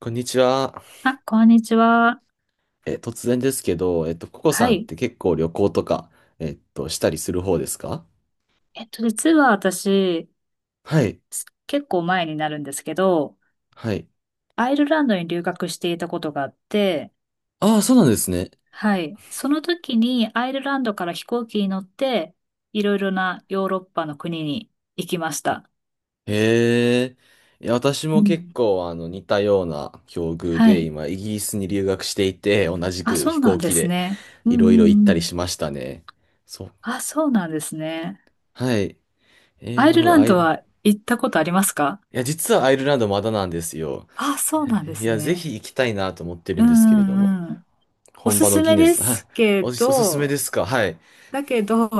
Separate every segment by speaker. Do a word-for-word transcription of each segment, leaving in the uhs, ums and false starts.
Speaker 1: こんにちは。
Speaker 2: あ、こんにちは。
Speaker 1: え、突然ですけど、えっと、ココ
Speaker 2: は
Speaker 1: さんっ
Speaker 2: い。
Speaker 1: て結構旅行とか、えっと、したりする方ですか？
Speaker 2: えっと、実は私、
Speaker 1: はい。
Speaker 2: 結構前になるんですけど、
Speaker 1: はい。
Speaker 2: アイルランドに留学していたことがあって、
Speaker 1: ああ、そうなんですね。
Speaker 2: はい。その時にアイルランドから飛行機に乗って、いろいろなヨーロッパの国に行きました。
Speaker 1: へえ。いや、私も
Speaker 2: う
Speaker 1: 結
Speaker 2: ん。
Speaker 1: 構、あの、似たような境遇
Speaker 2: は
Speaker 1: で、
Speaker 2: い。
Speaker 1: 今、イギリスに留学していて、同じ
Speaker 2: あ、
Speaker 1: く
Speaker 2: そ
Speaker 1: 飛
Speaker 2: うな
Speaker 1: 行
Speaker 2: んで
Speaker 1: 機
Speaker 2: す
Speaker 1: で、
Speaker 2: ね。うん
Speaker 1: い
Speaker 2: う
Speaker 1: ろいろ行っ
Speaker 2: んう
Speaker 1: たりし
Speaker 2: ん。
Speaker 1: ましたね。そう。
Speaker 2: あ、そうなんですね。
Speaker 1: はい。えー、
Speaker 2: アイ
Speaker 1: なる
Speaker 2: ル
Speaker 1: ほ
Speaker 2: ラ
Speaker 1: ど。
Speaker 2: ン
Speaker 1: アイ
Speaker 2: ド
Speaker 1: ル、い
Speaker 2: は行ったことありますか？
Speaker 1: や、実はアイルランドまだなんですよ。
Speaker 2: あ、そうなんで
Speaker 1: い
Speaker 2: す
Speaker 1: や、ぜ
Speaker 2: ね。
Speaker 1: ひ行きたいなと思って
Speaker 2: う
Speaker 1: るんですけれども、
Speaker 2: んうんうん。お
Speaker 1: 本
Speaker 2: す
Speaker 1: 場の
Speaker 2: す
Speaker 1: ギ
Speaker 2: め
Speaker 1: ネ
Speaker 2: で
Speaker 1: ス、あ
Speaker 2: すけ
Speaker 1: おす、おすすめ
Speaker 2: ど、
Speaker 1: ですか？はい。
Speaker 2: だけど、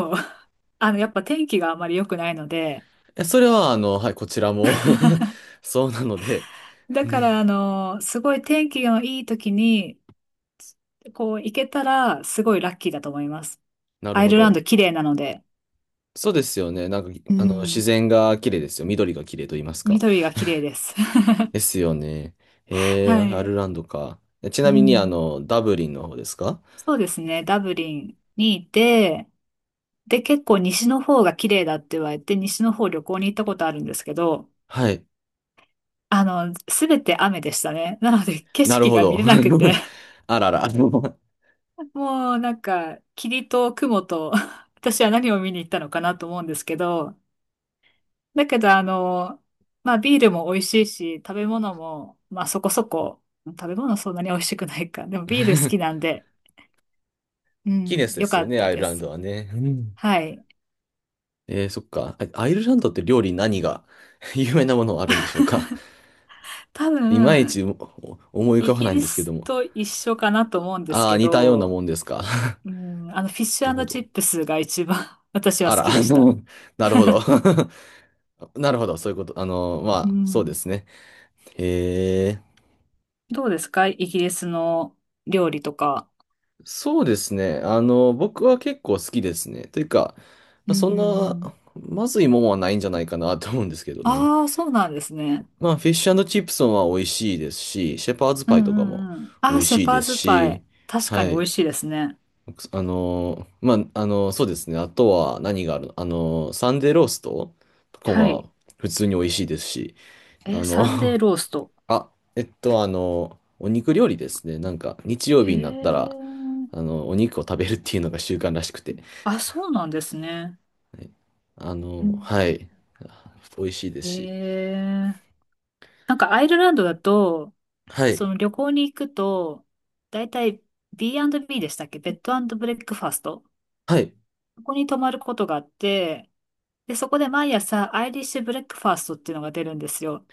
Speaker 2: あの、やっぱ天気があまり良くないので、
Speaker 1: え、それは、あの、はい、こちらも そうなので、
Speaker 2: だから、あの、すごい天気のいい時に、こう、行けたら、すごいラッキーだと思います。
Speaker 1: なる
Speaker 2: アイ
Speaker 1: ほ
Speaker 2: ルランド
Speaker 1: ど。
Speaker 2: 綺麗なので、
Speaker 1: そうですよね。なんか、
Speaker 2: う
Speaker 1: あの、自
Speaker 2: ん、
Speaker 1: 然が綺麗ですよ。緑が綺麗と言いますか。
Speaker 2: 緑が綺麗です。
Speaker 1: ですよね。え
Speaker 2: は
Speaker 1: ー、アイ
Speaker 2: い。
Speaker 1: ルランドか。えち
Speaker 2: う
Speaker 1: なみに、あ
Speaker 2: ん。
Speaker 1: の、ダブリンの方ですか？
Speaker 2: そうですね。ダブリンにいて、で、結構西の方が綺麗だって言われて、西の方旅行に行ったことあるんですけど、
Speaker 1: はい。
Speaker 2: あの、すべて雨でしたね。なので、景
Speaker 1: なる
Speaker 2: 色
Speaker 1: ほ
Speaker 2: が見
Speaker 1: ど。
Speaker 2: れなくて
Speaker 1: あらら。
Speaker 2: もうなんか、霧と雲と 私は何を見に行ったのかなと思うんですけど、だけどあの、まあビールも美味しいし、食べ物も、まあそこそこ、食べ物そんなに美味しくないか。でもビール好きなんで、う
Speaker 1: ギネ
Speaker 2: ん、
Speaker 1: スで
Speaker 2: 良
Speaker 1: す
Speaker 2: か
Speaker 1: よ
Speaker 2: っ
Speaker 1: ね、
Speaker 2: た
Speaker 1: アイル
Speaker 2: で
Speaker 1: ラン
Speaker 2: す。
Speaker 1: ドはね。うん
Speaker 2: はい。
Speaker 1: えー、そっか。あアイルランドって料理何が 有名なものあるんでしょうか？
Speaker 2: 多
Speaker 1: いまいち
Speaker 2: 分、
Speaker 1: おお思い浮
Speaker 2: イ
Speaker 1: かばな
Speaker 2: ギ
Speaker 1: いん
Speaker 2: リ
Speaker 1: ですけど
Speaker 2: ス
Speaker 1: も。
Speaker 2: と一緒かなと思うんです
Speaker 1: ああ、
Speaker 2: け
Speaker 1: 似たようなも
Speaker 2: ど、
Speaker 1: んですか？
Speaker 2: うん、あの、フィッシ
Speaker 1: るほ
Speaker 2: ュチ
Speaker 1: ど。
Speaker 2: ップスが一番 私は
Speaker 1: あ
Speaker 2: 好
Speaker 1: ら、
Speaker 2: きで
Speaker 1: あ
Speaker 2: した。
Speaker 1: のなるほど。なるほど、そういうこと。あの、ま
Speaker 2: う
Speaker 1: あ、そうで
Speaker 2: ん。
Speaker 1: すね。へえ、
Speaker 2: どうですかイギリスの料理とか。
Speaker 1: そうですね。あの、僕は結構好きですね。というか、ま
Speaker 2: う
Speaker 1: あ、
Speaker 2: んう
Speaker 1: そん
Speaker 2: んう
Speaker 1: な、
Speaker 2: ん。
Speaker 1: まずいもんはないんじゃないかなと思うんですけどね。
Speaker 2: ああ、そうなんですね。
Speaker 1: まあ、フィッシュチップソンは美味しいですし、シェパーズ
Speaker 2: う
Speaker 1: パイとかも
Speaker 2: んうんうん。
Speaker 1: 美
Speaker 2: ああ、
Speaker 1: 味
Speaker 2: シェ
Speaker 1: しい
Speaker 2: パ
Speaker 1: で
Speaker 2: ー
Speaker 1: す
Speaker 2: ズパ
Speaker 1: し、
Speaker 2: イ。確
Speaker 1: は
Speaker 2: かに美
Speaker 1: い。
Speaker 2: 味しいですね。
Speaker 1: あの、まあ、あの、そうですね。あとは何があるの？あの、サンデーローストとか
Speaker 2: はい。
Speaker 1: は普通に美味しいですし、あ
Speaker 2: え、
Speaker 1: の
Speaker 2: サンデーロースト。
Speaker 1: あ、えっと、あの、お肉料理ですね。なんか、日曜
Speaker 2: へ
Speaker 1: 日になったら、
Speaker 2: え。
Speaker 1: あの、お肉を食べるっていうのが習慣らしくて。
Speaker 2: あ、そうなんですね。
Speaker 1: はいあ
Speaker 2: う
Speaker 1: の、
Speaker 2: ん
Speaker 1: はい。美味しいです
Speaker 2: へ
Speaker 1: し。
Speaker 2: え。なんかアイルランドだと、
Speaker 1: は
Speaker 2: そ
Speaker 1: い。
Speaker 2: の旅行に行くと、だいたい ビーアンドビー でしたっけ？ベッドブレックファースト。
Speaker 1: はい。
Speaker 2: ここに泊まることがあって、で、そこで毎朝アイリッシュブレックファーストっていうのが出るんですよ。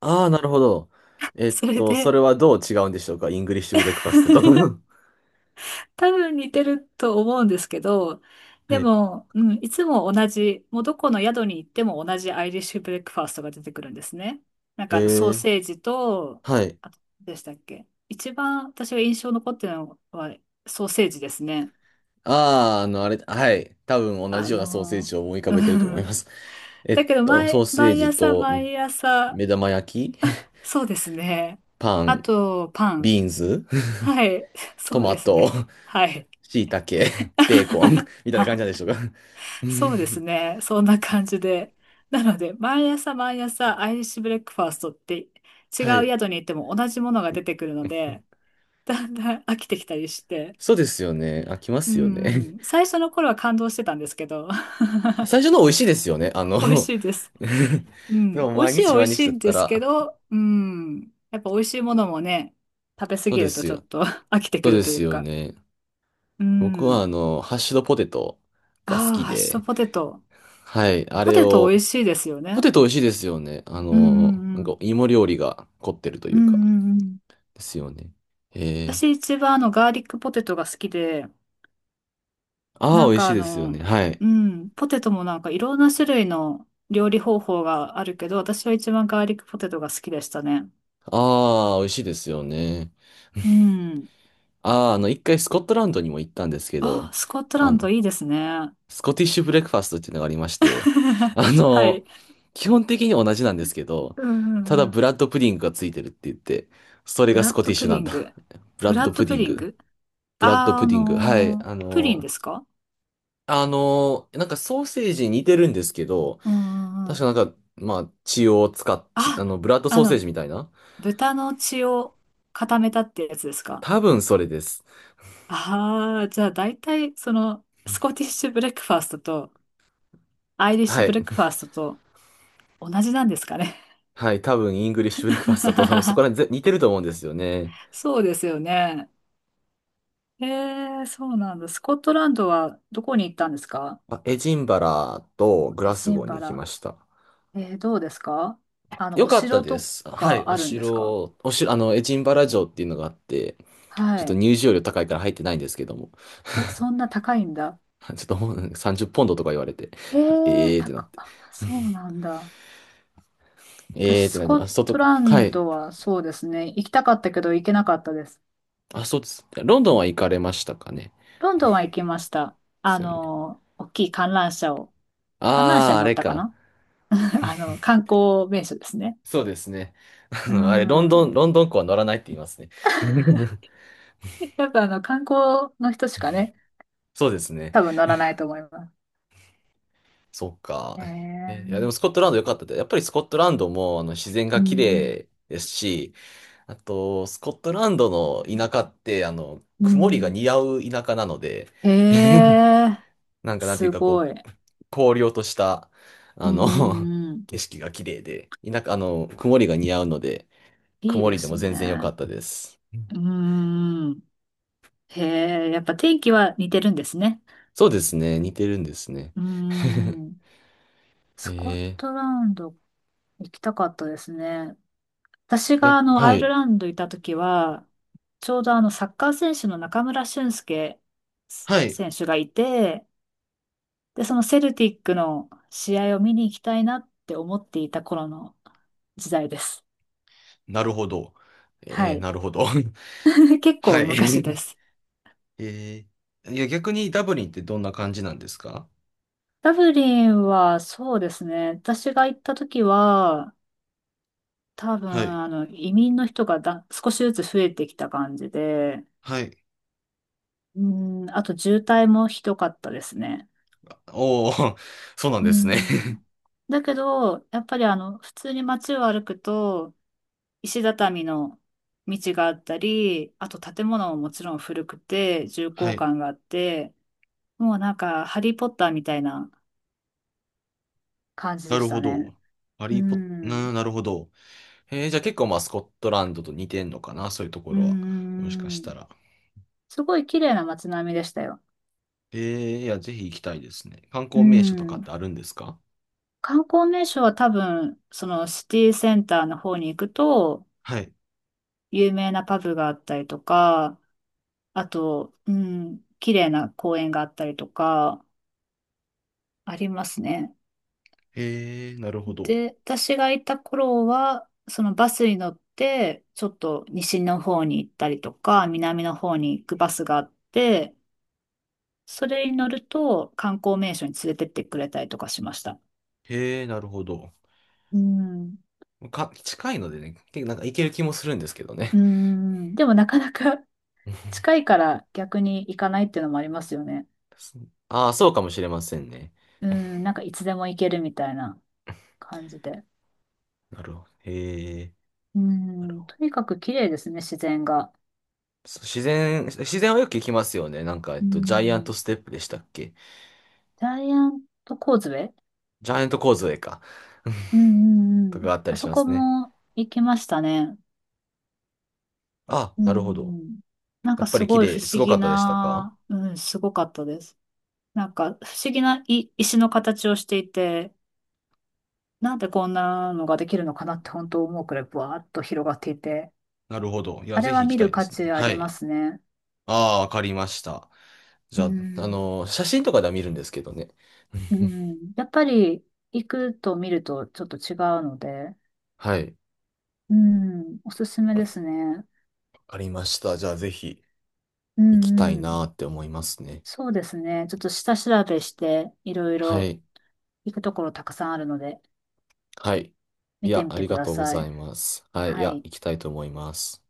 Speaker 1: ああ、なるほど。えっ
Speaker 2: それ
Speaker 1: と、そ
Speaker 2: で、
Speaker 1: れはどう違うんでしょうか、イングリッシュブレックファストと？
Speaker 2: 多分似てると思うんですけど、で
Speaker 1: はい。
Speaker 2: も、うん、いつも同じ、もうどこの宿に行っても同じアイリッシュブレックファーストが出てくるんですね。なん
Speaker 1: え
Speaker 2: かあのソー
Speaker 1: ー、
Speaker 2: セージと、
Speaker 1: はい。
Speaker 2: あと、でしたっけ一番私が印象残ってるのはソーセージですね。
Speaker 1: ああ、あの、あれ、はい。多分同
Speaker 2: あ
Speaker 1: じようなソーセー
Speaker 2: の
Speaker 1: ジを思い浮か
Speaker 2: ー、う
Speaker 1: べてると思いま
Speaker 2: ん。
Speaker 1: す。え
Speaker 2: だ
Speaker 1: っ
Speaker 2: けど
Speaker 1: と、ソ
Speaker 2: 毎、
Speaker 1: ーセー
Speaker 2: 毎
Speaker 1: ジ
Speaker 2: 朝
Speaker 1: と、うん、
Speaker 2: 毎朝、
Speaker 1: 目玉焼き、
Speaker 2: そうですね。
Speaker 1: パ
Speaker 2: あ
Speaker 1: ン、
Speaker 2: と、パン。
Speaker 1: ビーンズ、
Speaker 2: はい。
Speaker 1: ト
Speaker 2: そう
Speaker 1: マ
Speaker 2: です
Speaker 1: ト。
Speaker 2: ね。はい。
Speaker 1: 椎茸、ベーコン みたいな感じなんでしょうか？う
Speaker 2: そうです
Speaker 1: ん。
Speaker 2: ね。そんな感じで。なので、毎朝毎朝アイリッシュブレックファーストって違
Speaker 1: は
Speaker 2: う
Speaker 1: い。
Speaker 2: 宿に行っても同じものが出てくるので、だんだん飽きてきたりして。
Speaker 1: そうですよね。あ、来ま
Speaker 2: う
Speaker 1: すよね。
Speaker 2: んうん。最初の頃は感動してたんですけど、
Speaker 1: 最初の美味しいですよね。あ
Speaker 2: 美味し
Speaker 1: の
Speaker 2: いです。う
Speaker 1: で
Speaker 2: ん。
Speaker 1: も
Speaker 2: 美味
Speaker 1: 毎
Speaker 2: しい
Speaker 1: 日
Speaker 2: は美
Speaker 1: 毎
Speaker 2: 味し
Speaker 1: 日
Speaker 2: い
Speaker 1: だっ
Speaker 2: ん
Speaker 1: た
Speaker 2: ですけ
Speaker 1: ら、
Speaker 2: ど、うん。やっぱ美味しいものもね、食べ過
Speaker 1: そう
Speaker 2: ぎ
Speaker 1: で
Speaker 2: ると
Speaker 1: す
Speaker 2: ちょっ
Speaker 1: よ。
Speaker 2: と 飽きて
Speaker 1: そ
Speaker 2: く
Speaker 1: う
Speaker 2: る
Speaker 1: で
Speaker 2: とい
Speaker 1: す
Speaker 2: う
Speaker 1: よ
Speaker 2: か。
Speaker 1: ね。
Speaker 2: う
Speaker 1: 僕は
Speaker 2: ん。
Speaker 1: あの、ハッシュドポテトが好
Speaker 2: ああ、
Speaker 1: き
Speaker 2: ハッシュド
Speaker 1: で、
Speaker 2: ポテト。
Speaker 1: はい、あ
Speaker 2: ポ
Speaker 1: れ
Speaker 2: テト美
Speaker 1: を、
Speaker 2: 味しいですよ
Speaker 1: ポ
Speaker 2: ね。
Speaker 1: テト美味しいですよね。あ
Speaker 2: うんう
Speaker 1: の、な
Speaker 2: ん
Speaker 1: ん
Speaker 2: う
Speaker 1: か
Speaker 2: ん。
Speaker 1: 芋料理が凝ってると
Speaker 2: う
Speaker 1: い
Speaker 2: んう
Speaker 1: うか、
Speaker 2: んうん。
Speaker 1: ですよね。へえ。
Speaker 2: 私一番あのガーリックポテトが好きで、
Speaker 1: あ
Speaker 2: な
Speaker 1: あ、
Speaker 2: ん
Speaker 1: 美味し
Speaker 2: か
Speaker 1: い
Speaker 2: あ
Speaker 1: ですよ
Speaker 2: の、
Speaker 1: ね。はい。
Speaker 2: うん、ポテトもなんかいろんな種類の料理方法があるけど、私は一番ガーリックポテトが好きでしたね。
Speaker 1: ああ、美味しいですよね。
Speaker 2: うん。
Speaker 1: ああ、あの、一回スコットランドにも行ったんですけ
Speaker 2: あ、
Speaker 1: ど、
Speaker 2: スコット
Speaker 1: あ
Speaker 2: ラン
Speaker 1: の、
Speaker 2: ドいいですね。
Speaker 1: スコティッシュブレックファストっていうのがありまして、あ
Speaker 2: は
Speaker 1: の、
Speaker 2: い。
Speaker 1: 基本的に同じなんですけど、
Speaker 2: うんう
Speaker 1: た
Speaker 2: ん
Speaker 1: だ
Speaker 2: う
Speaker 1: ブ
Speaker 2: ん。
Speaker 1: ラッドプディングがついてるって言って、それ
Speaker 2: ブ
Speaker 1: が
Speaker 2: ラ
Speaker 1: ス
Speaker 2: ッ
Speaker 1: コテ
Speaker 2: ド
Speaker 1: ィッ
Speaker 2: プ
Speaker 1: シュな
Speaker 2: リ
Speaker 1: ん
Speaker 2: ン
Speaker 1: だ。
Speaker 2: グ。
Speaker 1: ブ
Speaker 2: ブ
Speaker 1: ラッ
Speaker 2: ラ
Speaker 1: ド
Speaker 2: ッド
Speaker 1: プデ
Speaker 2: プ
Speaker 1: ィン
Speaker 2: リン
Speaker 1: グ。
Speaker 2: グ。
Speaker 1: ブラッド
Speaker 2: あー、
Speaker 1: プ
Speaker 2: あ
Speaker 1: ディング。はい。
Speaker 2: のー
Speaker 1: あ
Speaker 2: プリン
Speaker 1: の、
Speaker 2: ですか？
Speaker 1: あの、なんかソーセージに似てるんですけど、
Speaker 2: うんうんう
Speaker 1: 確
Speaker 2: ん。
Speaker 1: かなんか、まあ、血を使っ、血あの、
Speaker 2: あ、
Speaker 1: ブラッド
Speaker 2: あ
Speaker 1: ソーセー
Speaker 2: の、
Speaker 1: ジみたいな。
Speaker 2: 豚の血を固めたってやつですか？
Speaker 1: 多分それです。
Speaker 2: ああ、じゃあ大体、その、スコティッシュブレックファーストと、アイリッシ
Speaker 1: は
Speaker 2: ュブ
Speaker 1: い。
Speaker 2: レックファーストと同じなんですかね。
Speaker 1: はい。多分、イングリッシュブレックファストと多分そこら 辺ぜ似てると思うんですよね。
Speaker 2: そうですよね。ええ、そうなんだ。スコットランドはどこに行ったんですか？
Speaker 1: あエジンバラとグ
Speaker 2: エ
Speaker 1: ラス
Speaker 2: ジ
Speaker 1: ゴ
Speaker 2: ン
Speaker 1: ーに
Speaker 2: バ
Speaker 1: 行き
Speaker 2: ラ。
Speaker 1: ました。
Speaker 2: えー、どうですか？あの、
Speaker 1: よ
Speaker 2: お
Speaker 1: かった
Speaker 2: 城
Speaker 1: で
Speaker 2: と
Speaker 1: す。はい、
Speaker 2: か
Speaker 1: お
Speaker 2: あるんですか？
Speaker 1: 城、お城、あの、エジンバラ城っていうのがあって、ち
Speaker 2: は
Speaker 1: ょっと
Speaker 2: い。
Speaker 1: 入場料高いから入ってないんですけども、
Speaker 2: え、そんな高いんだ。
Speaker 1: ちょっともうさんじゅっポンドポンドとか言われて、
Speaker 2: え え、
Speaker 1: ええーってなっ
Speaker 2: 高、
Speaker 1: て、
Speaker 2: あそうなんだ。私、
Speaker 1: ええーって
Speaker 2: ス
Speaker 1: なって
Speaker 2: コ
Speaker 1: ま
Speaker 2: ッ
Speaker 1: す。外、
Speaker 2: トラ
Speaker 1: は
Speaker 2: ン
Speaker 1: い。
Speaker 2: ドはそうですね。行きたかったけど行けなかったです。
Speaker 1: あ、そうです。ロンドンは行かれましたかね？
Speaker 2: ロンドンは行きました。
Speaker 1: で
Speaker 2: あ
Speaker 1: すよね。
Speaker 2: の、大きい観覧車を、観覧
Speaker 1: あ
Speaker 2: 車
Speaker 1: あ、
Speaker 2: に
Speaker 1: あ
Speaker 2: 乗っ
Speaker 1: れ
Speaker 2: たか
Speaker 1: か。
Speaker 2: な。 あの、観光名所ですね。
Speaker 1: そうですね。あ
Speaker 2: う
Speaker 1: の、あれ、ロンド
Speaker 2: ん。
Speaker 1: ン、ロンドン港は乗らないって言いますね。
Speaker 2: やっぱあの、観光の人しかね、
Speaker 1: そうですね。
Speaker 2: 多分乗らないと思います。
Speaker 1: そっか。
Speaker 2: え
Speaker 1: え、いや、で
Speaker 2: ー、
Speaker 1: もスコットランド良かったで。やっぱりスコットランドもあの自然
Speaker 2: う
Speaker 1: が綺
Speaker 2: ん、
Speaker 1: 麗ですし、あと、スコットランドの田舎って、あの、
Speaker 2: う
Speaker 1: 曇りが
Speaker 2: ん。
Speaker 1: 似合う田舎なので、
Speaker 2: えー、
Speaker 1: なんかなんてい
Speaker 2: す
Speaker 1: うか、
Speaker 2: ご
Speaker 1: こ
Speaker 2: い。
Speaker 1: う、荒涼とした、
Speaker 2: う
Speaker 1: あ
Speaker 2: ん、う
Speaker 1: の、
Speaker 2: んうん。
Speaker 1: 景色が綺麗で、田舎、あの、曇りが似合うので、
Speaker 2: いい
Speaker 1: 曇
Speaker 2: で
Speaker 1: りで
Speaker 2: す
Speaker 1: も全然良か
Speaker 2: ね。
Speaker 1: ったです。うん、
Speaker 2: うん。へえ、やっぱ天気は似てるんですね。
Speaker 1: そうですね。似てるんですね。
Speaker 2: う ん。ス
Speaker 1: へ
Speaker 2: コッ
Speaker 1: えー。
Speaker 2: トランド行きたかったですね。私
Speaker 1: いや、
Speaker 2: があの、
Speaker 1: は
Speaker 2: アイル
Speaker 1: い。
Speaker 2: ランドいた時は、ちょうどあの、サッカー選手の中村俊輔
Speaker 1: はい。
Speaker 2: 選手がいて、で、そのセルティックの試合を見に行きたいなって思っていた頃の時代です。
Speaker 1: なるほど。
Speaker 2: は
Speaker 1: えー、
Speaker 2: い。
Speaker 1: なるほど。
Speaker 2: 結
Speaker 1: は
Speaker 2: 構昔で
Speaker 1: い。
Speaker 2: す。
Speaker 1: えー、いや、逆にダブリンってどんな感じなんですか？
Speaker 2: ダブリンはそうですね。私が行った時は、多分、
Speaker 1: はい。
Speaker 2: あの、移民の人がだ、少しずつ増えてきた感じで、
Speaker 1: はい。
Speaker 2: うん、あと渋滞もひどかったですね。
Speaker 1: おー、そうなん
Speaker 2: う
Speaker 1: ですね。
Speaker 2: ん。だけど、やっぱりあの、普通に街を歩くと、石畳の道があったり、あと建物ももちろん古くて、重
Speaker 1: は
Speaker 2: 厚
Speaker 1: い。
Speaker 2: 感があって、もうなんか、ハリーポッターみたいな感じ
Speaker 1: な
Speaker 2: で
Speaker 1: る
Speaker 2: し
Speaker 1: ほ
Speaker 2: たね。
Speaker 1: ど。ハ
Speaker 2: う
Speaker 1: リーポッ、
Speaker 2: ん。
Speaker 1: な、なるほど。えー、じゃあ結構まあスコットランドと似てんのかなそういうとこ
Speaker 2: う
Speaker 1: ろは。もしかした
Speaker 2: ん。
Speaker 1: ら。
Speaker 2: すごい綺麗な街並みでしたよ。
Speaker 1: えー、いや、ぜひ行きたいですね。観
Speaker 2: う
Speaker 1: 光名所とかっ
Speaker 2: ん。
Speaker 1: てあるんですか？
Speaker 2: 観光名所は多分、そのシティセンターの方に行くと、
Speaker 1: はい。
Speaker 2: 有名なパブがあったりとか、あと、うん、綺麗な公園があったりとか、ありますね。
Speaker 1: へえー、なるほど。
Speaker 2: で、私がいた頃は、そのバスに乗って、ちょっと西の方に行ったりとか、南の方に行くバスがあって、それに乗ると観光名所に連れてってくれたりとかしました。
Speaker 1: へえー、なるほど。
Speaker 2: うん。
Speaker 1: か、近いのでね、結構なんか行ける気もするんですけどね。
Speaker 2: うん。でもなかなか 近いから逆に行かないっていうのもありますよね。
Speaker 1: ああ、そうかもしれませんね。
Speaker 2: うん。なんかいつでも行けるみたいな感じで。
Speaker 1: なるほど。へえ。
Speaker 2: う
Speaker 1: なるほ
Speaker 2: ん。
Speaker 1: ど。
Speaker 2: とにかく綺麗ですね、自然が。
Speaker 1: そう自然、自然はよく聞きますよね。なんか、えっ
Speaker 2: う
Speaker 1: と、ジャイアント
Speaker 2: ん。
Speaker 1: ステップでしたっけ？
Speaker 2: ジャイアントコーズウェイ。
Speaker 1: ジャイアント構造か。
Speaker 2: うん うんう
Speaker 1: とか
Speaker 2: ん。
Speaker 1: があった
Speaker 2: あ
Speaker 1: りし
Speaker 2: そ
Speaker 1: ま
Speaker 2: こ
Speaker 1: すね。
Speaker 2: も行きましたね。
Speaker 1: あ、
Speaker 2: う
Speaker 1: なるほど。
Speaker 2: ん。なん
Speaker 1: や
Speaker 2: か
Speaker 1: っぱ
Speaker 2: す
Speaker 1: り綺
Speaker 2: ごい不
Speaker 1: 麗、す
Speaker 2: 思
Speaker 1: ごか
Speaker 2: 議
Speaker 1: ったでしたか？
Speaker 2: な、うん、すごかったです。なんか不思議ない石の形をしていて、なんでこんなのができるのかなって本当思うくらいブワーッと広がっていて、
Speaker 1: なるほど。いや、
Speaker 2: あれ
Speaker 1: ぜひ
Speaker 2: は
Speaker 1: 行き
Speaker 2: 見
Speaker 1: た
Speaker 2: る
Speaker 1: いで
Speaker 2: 価
Speaker 1: すね。
Speaker 2: 値あ
Speaker 1: は
Speaker 2: りま
Speaker 1: い。
Speaker 2: すね。
Speaker 1: ああ、わかりました。じ
Speaker 2: う
Speaker 1: ゃあ、あ
Speaker 2: ん。
Speaker 1: のー写真とかでは見るんですけどね。
Speaker 2: う ん。やっぱり行くと見るとちょっと違うので、
Speaker 1: はい。わ
Speaker 2: うん、おすすめですね。
Speaker 1: かりました。じゃあ、ぜひ
Speaker 2: う
Speaker 1: 行きた
Speaker 2: ん
Speaker 1: い
Speaker 2: うん。
Speaker 1: なーって思いますね。
Speaker 2: そうですね。ちょっと下調べして、いろい
Speaker 1: は
Speaker 2: ろ
Speaker 1: い。
Speaker 2: 行くところたくさんあるので、
Speaker 1: はい。い
Speaker 2: 見
Speaker 1: や、
Speaker 2: てみ
Speaker 1: あ
Speaker 2: て
Speaker 1: り
Speaker 2: く
Speaker 1: が
Speaker 2: だ
Speaker 1: とうご
Speaker 2: さ
Speaker 1: ざ
Speaker 2: い。
Speaker 1: います。はい。い
Speaker 2: は
Speaker 1: や、
Speaker 2: い。
Speaker 1: 行きたいと思います。